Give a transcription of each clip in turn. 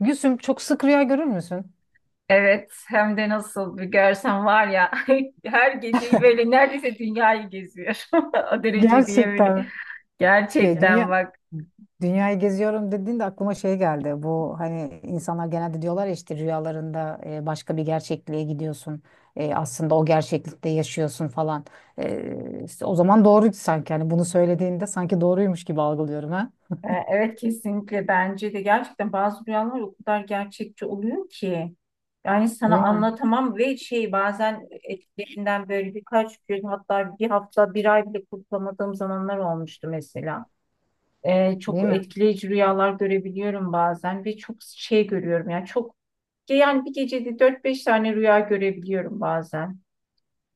Gülsüm çok sık rüya görür müsün? Evet, hem de nasıl bir görsen var ya. Her geceyi böyle neredeyse dünyayı geziyor. O derece diye böyle. Gerçekten mi? De, Gerçekten dünya bak. dünyayı geziyorum dediğinde aklıma şey geldi. Bu hani insanlar genelde diyorlar ya işte rüyalarında başka bir gerçekliğe gidiyorsun. Aslında o gerçeklikte yaşıyorsun falan. İşte o zaman doğruydu sanki. Hani bunu söylediğinde sanki doğruymuş gibi algılıyorum ha. Evet, kesinlikle bence de gerçekten bazı rüyalar o kadar gerçekçi oluyor ki. Yani sana Değil mi? anlatamam ve şey, bazen etkilerinden böyle birkaç gün, hatta bir hafta, bir ay bile kurtulamadığım zamanlar olmuştu mesela. Değil Çok mi? etkileyici rüyalar görebiliyorum bazen ve çok şey görüyorum yani, çok, yani bir gecede dört beş tane rüya görebiliyorum bazen.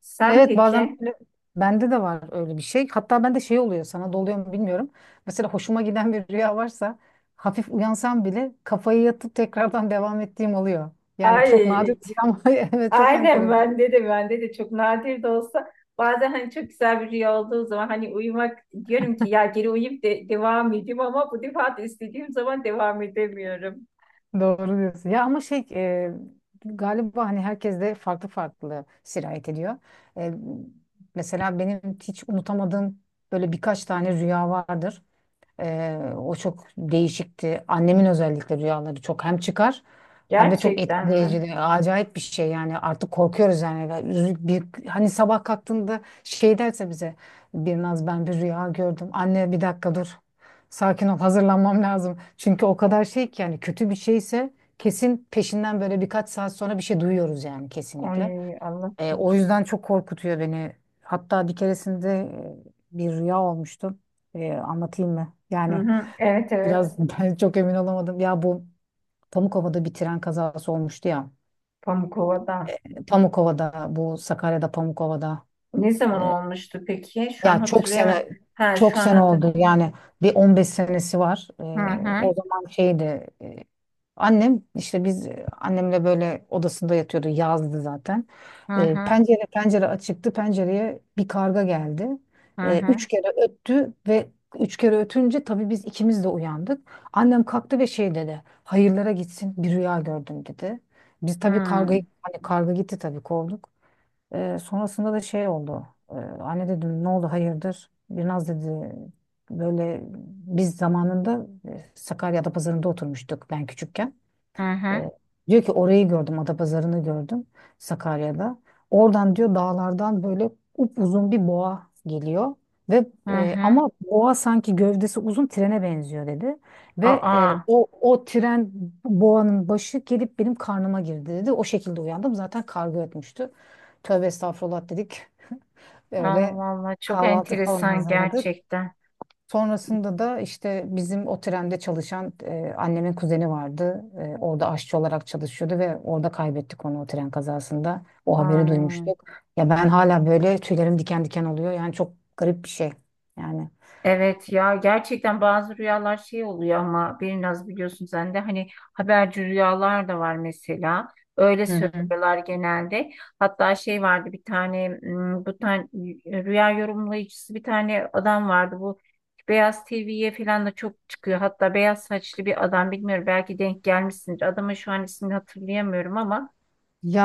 Sen Evet, bazen peki? böyle bende de var öyle bir şey. Hatta bende şey oluyor, sana da oluyor mu bilmiyorum. Mesela hoşuma giden bir rüya varsa hafif uyansam bile kafayı yatıp tekrardan devam ettiğim oluyor. Yani çok nadir Ay, bir rüya ama evet, çok aynen, enteresan. bende de çok nadir de olsa bazen hani çok güzel bir rüya olduğu zaman, hani uyumak, diyorum ki ya geri uyuyup de devam edeyim, ama bu defa da istediğim zaman devam edemiyorum. Doğru diyorsun. Ya ama şey, galiba hani herkes de farklı farklı sirayet ediyor. E, Mesela benim hiç unutamadığım böyle birkaç tane rüya vardır. O çok değişikti. Annemin özellikle rüyaları çok hem çıkar hem de çok Gerçekten mi? etkileyici, acayip bir şey yani, artık korkuyoruz yani. Ya, bir, hani sabah kalktığında şey derse bize: bir ben bir rüya gördüm. Anne bir dakika dur. Sakin ol, hazırlanmam lazım. Çünkü o kadar şey ki, yani kötü bir şeyse kesin peşinden böyle birkaç saat sonra bir şey duyuyoruz yani, kesinlikle. Ay, Allah O korusun. yüzden çok korkutuyor beni. Hatta bir keresinde bir rüya olmuştu. Anlatayım mı? Hı Yani hı, evet, evet. biraz ben çok emin olamadım. Ya bu Pamukova'da bir tren kazası olmuştu ya. Pamukova'da. Pamukova'da, bu Sakarya'da, Pamukova'da. Ne zaman Ee, olmuştu peki? Şu an Ya, hatırlayamadım. Ha, şu çok an sene hatır. oldu. Yani bir 15 senesi var. Hı hı. O zaman şeydi, annem işte biz, annemle böyle odasında yatıyordu, yazdı zaten. Hı hı. Pencere açıktı, pencereye bir karga geldi. Hı hı. Üç kere öttü ve üç kere ötünce tabii biz ikimiz de uyandık. Annem kalktı ve şey dedi: hayırlara gitsin, bir rüya gördüm, dedi. Biz Hı tabii hı. kargayı, hani karga gitti tabii, kovduk. Sonrasında da şey oldu. Anne dedim, ne oldu, hayırdır? Biraz dedi böyle, biz zamanında Sakarya'da pazarında oturmuştuk, ben küçükken. Hı hı. E, Diyor ki, orayı gördüm, Adapazarı'nı gördüm, Sakarya'da. Oradan diyor dağlardan böyle upuzun bir boğa geliyor. Ve ama boğa sanki gövdesi uzun, trene benziyor dedi. Ve Aa. O tren boğanın başı gelip benim karnıma girdi dedi. O şekilde uyandım. Zaten kargo etmişti. Tövbe estağfurullah dedik. Öyle Allah Allah, çok kahvaltı falan enteresan hazırladık. gerçekten. Sonrasında da işte bizim o trende çalışan annemin kuzeni vardı. Orada aşçı olarak çalışıyordu ve orada kaybettik onu, o tren kazasında. O haberi Ay. duymuştuk. Ya ben hala böyle tüylerim diken diken oluyor. Yani çok garip bir şey. Yani. Evet ya, gerçekten bazı rüyalar şey oluyor ama biraz biliyorsun sen de, hani haberci rüyalar da var mesela. Öyle Hı hı. söylüyorlar genelde. Hatta şey vardı bir tane, bu tane rüya yorumlayıcısı bir tane adam vardı, bu Beyaz TV'ye falan da çok çıkıyor. Hatta beyaz saçlı bir adam, bilmiyorum, belki denk gelmişsindir. Adamın şu an ismini hatırlayamıyorum ama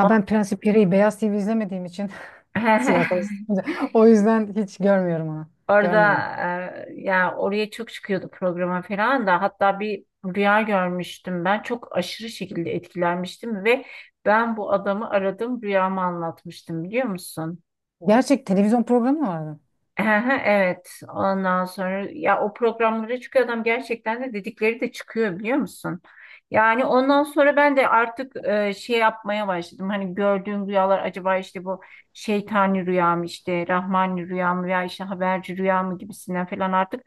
o. ben prensip gereği Beyaz TV izlemediğim için, siyasal, o yüzden hiç görmüyorum onu. Görmedim. Orada, yani oraya çok çıkıyordu programa falan da, hatta bir rüya görmüştüm, ben çok aşırı şekilde etkilenmiştim ve ben bu adamı aradım, rüyamı anlatmıştım, biliyor musun? Gerçek televizyon programı mı vardı? Evet, ondan sonra ya o programlara çıkıyor adam, gerçekten de dedikleri de çıkıyor, biliyor musun? Yani ondan sonra ben de artık şey yapmaya başladım. Hani gördüğüm rüyalar acaba işte bu şeytani rüya mı, işte rahmani rüya mı, veya işte haberci rüya mı gibisinden falan, artık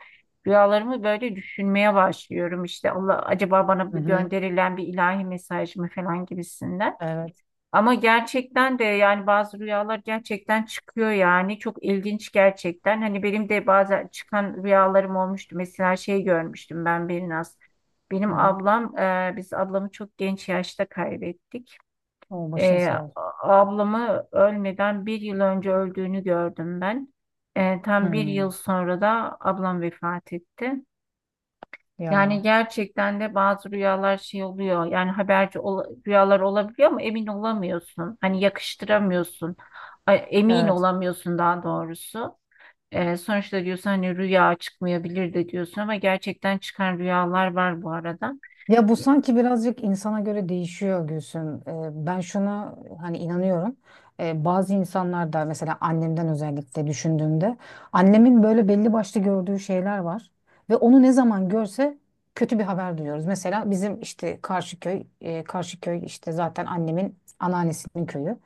rüyalarımı böyle düşünmeye başlıyorum. İşte Allah acaba bana Hı bir hı. gönderilen bir ilahi mesaj mı falan gibisinden. Evet. Ama gerçekten de yani bazı rüyalar gerçekten çıkıyor, yani çok ilginç gerçekten. Hani benim de bazen çıkan rüyalarım olmuştu. Mesela şey görmüştüm ben biraz. Hı hı. Biz ablamı çok genç yaşta kaybettik. O, başın E, sağ a- olsun. ablamı ölmeden bir yıl önce öldüğünü gördüm ben. Tam bir yıl Hmm. sonra da ablam vefat etti. Yani Ya. gerçekten de bazı rüyalar şey oluyor. Yani haberci rüyalar olabiliyor ama emin olamıyorsun. Hani yakıştıramıyorsun. Ay, emin Evet. olamıyorsun daha doğrusu. Sonuçta diyorsun hani rüya çıkmayabilir de diyorsun, ama gerçekten çıkan rüyalar var bu arada. Ya bu sanki birazcık insana göre değişiyor Gülsüm. Ben şuna hani inanıyorum. Bazı insanlar da mesela, annemden özellikle düşündüğümde, annemin böyle belli başlı gördüğü şeyler var ve onu ne zaman görse kötü bir haber duyuyoruz. Mesela bizim işte Karşıköy, Karşıköy işte zaten annemin anneannesinin köyü.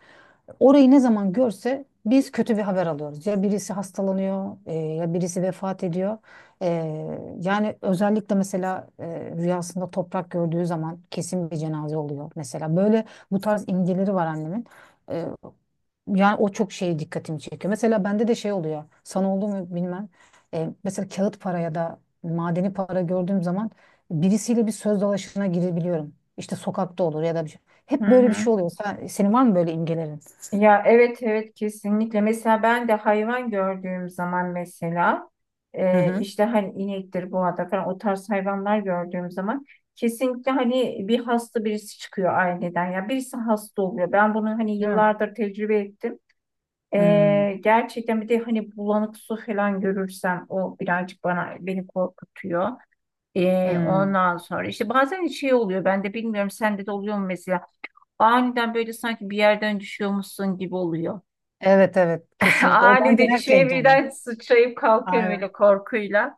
Orayı ne zaman görse biz kötü bir haber alıyoruz. Ya birisi hastalanıyor, ya birisi vefat ediyor. E, Yani özellikle mesela rüyasında toprak gördüğü zaman kesin bir cenaze oluyor. Mesela böyle bu tarz imgeleri var annemin. E, Yani o çok şeye dikkatimi çekiyor. Mesela bende de şey oluyor, sana oldu mu bilmem. Mesela kağıt para ya da madeni para gördüğüm zaman birisiyle bir söz dalaşına girebiliyorum. İşte sokakta olur ya da bir şey. Hı Hep böyle bir hı. şey oluyor. Senin var mı böyle imgelerin? Ya evet, evet kesinlikle. Mesela ben de hayvan gördüğüm zaman, mesela Hı hı. işte hani inektir, boğadır falan, o tarz hayvanlar gördüğüm zaman kesinlikle hani bir hasta birisi çıkıyor aileden. Ya birisi hasta oluyor. Ben bunu hani Değil mi? yıllardır tecrübe ettim. Hmm, Gerçekten, bir de hani bulanık su falan görürsem o birazcık bana, beni korkutuyor. Hmm. Ondan sonra işte bazen şey oluyor, ben de bilmiyorum sende de oluyor mu mesela, aniden böyle sanki bir yerden düşüyormuşsun gibi oluyor. Evet evet, kesinlikle. O Ani bence dedi, şöyle herkes dolu. birden sıçrayıp kalkıyorum öyle Aynen. korkuyla.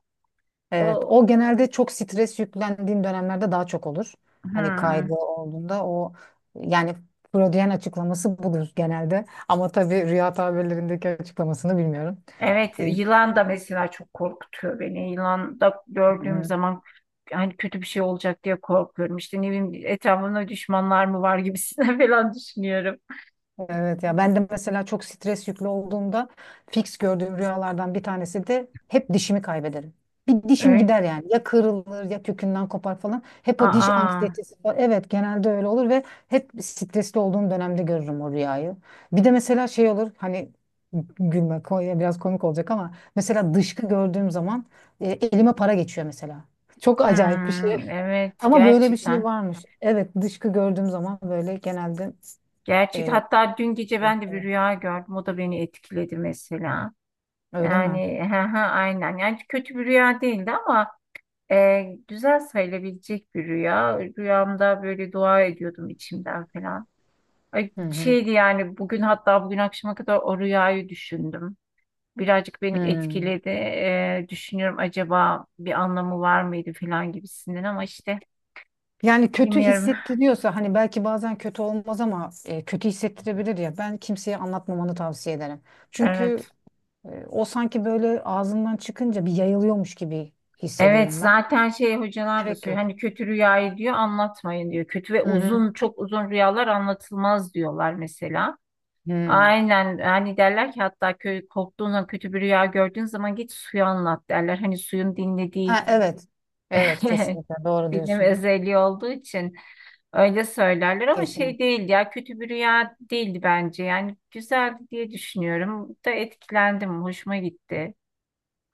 Evet. O. O genelde çok stres yüklendiğin dönemlerde daha çok olur. Hani kaygı Hmm. olduğunda o, yani Freudian açıklaması budur genelde. Ama tabii rüya tabirlerindeki açıklamasını bilmiyorum. Evet, E, yılan da mesela çok korkutuyor beni. Yılan da gördüğüm hı. zaman hani kötü bir şey olacak diye korkuyorum. İşte ne bileyim, etrafımda düşmanlar mı var gibisinden falan düşünüyorum. Evet, ya ben de mesela çok stres yüklü olduğumda fix gördüğüm rüyalardan bir tanesi de hep dişimi kaybederim. Bir dişim Öyle. gider yani, ya kırılır ya kökünden kopar falan. Hep o diş Aa. anksiyetesi falan. Evet, genelde öyle olur ve hep stresli olduğum dönemde görürüm o rüyayı. Bir de mesela şey olur hani, biraz komik olacak ama mesela dışkı gördüğüm zaman elime para geçiyor mesela. Çok acayip bir şey. Hmm. Evet, Ama böyle bir şey gerçekten. varmış. Evet, dışkı gördüğüm zaman böyle genelde, Gerçek, e, hatta dün gece ben de bir evet. rüya gördüm. O da beni etkiledi mesela. Öyle mi? Yani hı hı, aynen. Yani kötü bir rüya değildi ama güzel sayılabilecek bir rüya. Rüyamda böyle dua ediyordum içimden falan. Ay, Hı hı. şeydi yani, bugün, hatta bugün akşama kadar o rüyayı düşündüm. Birazcık beni Hı. etkiledi. Düşünüyorum, acaba bir anlamı var mıydı falan gibisinden, ama işte Yani kötü bilmiyorum. hissettiriyorsa hani, belki bazen kötü olmaz ama kötü hissettirebilir ya. Ben kimseye anlatmamanı tavsiye ederim. Çünkü Evet. O sanki böyle ağzından çıkınca bir yayılıyormuş gibi Evet, hissediyorum ben. zaten şey hocalar da Gerek söylüyor. yok. Hani kötü rüyayı diyor anlatmayın diyor. Kötü ve Hı hı. uzun, çok uzun rüyalar anlatılmaz diyorlar mesela. Hı. Aynen, hani derler ki hatta, köy korktuğun zaman, kötü bir rüya gördüğün zaman git suyu anlat derler. Hani suyun dinlediği, Ha, evet. Evet kesinlikle, doğru dinleme diyorsun. özelliği olduğu için öyle söylerler, ama Kesin. şey değil ya, kötü bir rüya değildi bence. Yani güzeldi diye düşünüyorum. Da etkilendim, hoşuma gitti.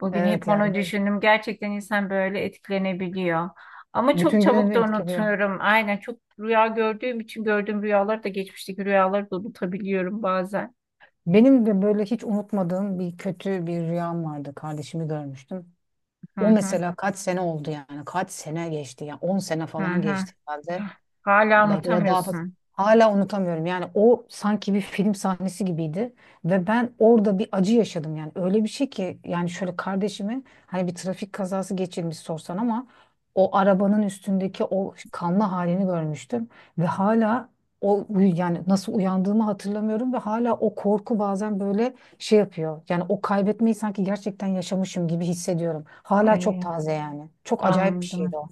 Bugün Evet hep yani onu düşündüm. Gerçekten insan böyle etkilenebiliyor. Ama çok bütün çabuk gününü da etkiliyor. unutuyorum. Aynen, çok rüya gördüğüm için gördüğüm rüyaları da, geçmişteki rüyaları da unutabiliyorum bazen. Benim de böyle hiç unutmadığım bir kötü bir rüyam vardı. Kardeşimi görmüştüm. Hı O hı. mesela kaç sene oldu yani? Kaç sene geçti ya? 10 sene Hı falan hı. geçti herhalde. Hah, hala Belki de daha fazla. unutamıyorsun. Hala unutamıyorum. Yani o sanki bir film sahnesi gibiydi ve ben orada bir acı yaşadım yani. Öyle bir şey ki yani, şöyle kardeşimi hani bir trafik kazası geçirmiş sorsan ama o arabanın üstündeki o kanlı halini görmüştüm ve hala o, yani nasıl uyandığımı hatırlamıyorum ve hala o korku bazen böyle şey yapıyor. Yani o kaybetmeyi sanki gerçekten yaşamışım gibi hissediyorum. Hala çok Ay, taze yani. Çok acayip bir anladım. şeydi o.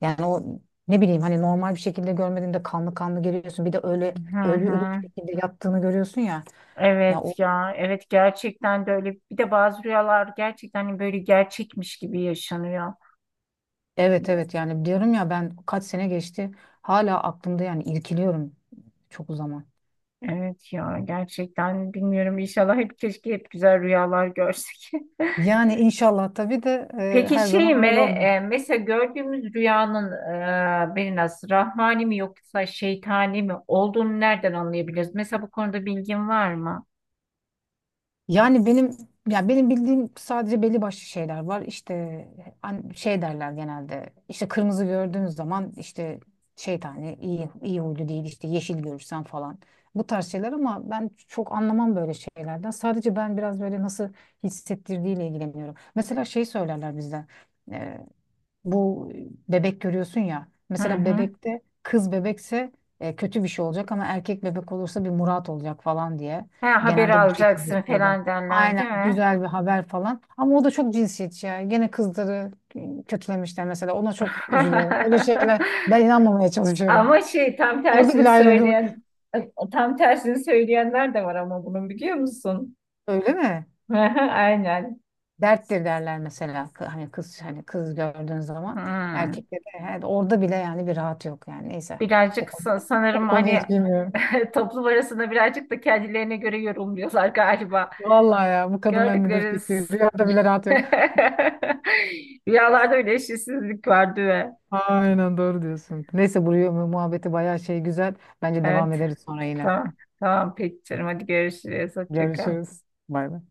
Yani o, ne bileyim, hani normal bir şekilde görmediğinde kanlı kanlı geliyorsun. Bir de öyle Hı ölü ölü bir hı. şekilde yattığını görüyorsun ya. Ya o, Evet ya, evet gerçekten de öyle. Bir de bazı rüyalar gerçekten hani böyle gerçekmiş gibi yaşanıyor. evet evet, yani diyorum ya, ben kaç sene geçti hala aklımda, yani irkiliyorum çok o zaman. Evet ya, gerçekten bilmiyorum. İnşallah hep, keşke hep güzel rüyalar görsek. Yani inşallah, tabii de Peki her şey mi, zaman öyle olmuyor. Mesela gördüğümüz rüyanın bir nasıl rahmani mi yoksa şeytani mi olduğunu nereden anlayabiliriz? Mesela bu konuda bilgin var mı? Yani benim, ya benim bildiğim sadece belli başlı şeyler var. İşte şey derler genelde. İşte kırmızı gördüğün zaman işte şeytani, iyi huylu değil, işte yeşil görürsen falan. Bu tarz şeyler, ama ben çok anlamam böyle şeylerden. Sadece ben biraz böyle nasıl hissettirdiğiyle ilgileniyorum. Mesela şey söylerler bizde. Bu, bebek görüyorsun ya. Hı Mesela hı. bebekte kız bebekse kötü bir şey olacak ama erkek bebek olursa bir murat olacak falan diye. Ha, haberi Genelde bu şekilde alacaksın söyle. falan derler Aynen, değil mi? güzel bir haber falan. Ama o da çok cinsiyetçi ya. Gene kızları kötülemişler mesela. Ona çok üzülüyorum. Öyle şeyler ben inanmamaya çalışıyorum. Ama şey tam Orada tersini bile ayrımcılık. söyleyen, tam tersini söyleyenler de var ama bunun, biliyor musun? Öyle mi? Aynen. Derttir derler mesela. Hani kız, hani kız gördüğün zaman Hmm. erkekte de, orada bile yani bir rahat yok yani. Neyse. O Birazcık konuya, o sanırım konuya hani hiç girmiyorum. toplum arasında birazcık da kendilerine göre yorumluyorlar galiba. Vallahi ya, bu kadınların ne Gördükleri dürtüsü, rüyada bile rahat yok. rüyalarda öyle eşitsizlik var değil mi? Aynen, doğru diyorsun. Neyse, bu rüya muhabbeti bayağı şey, güzel. Bence devam Evet. ederiz sonra yine. Tamam. Tamam peki canım. Hadi görüşürüz. Hoşça kal. Görüşürüz. Bay bay.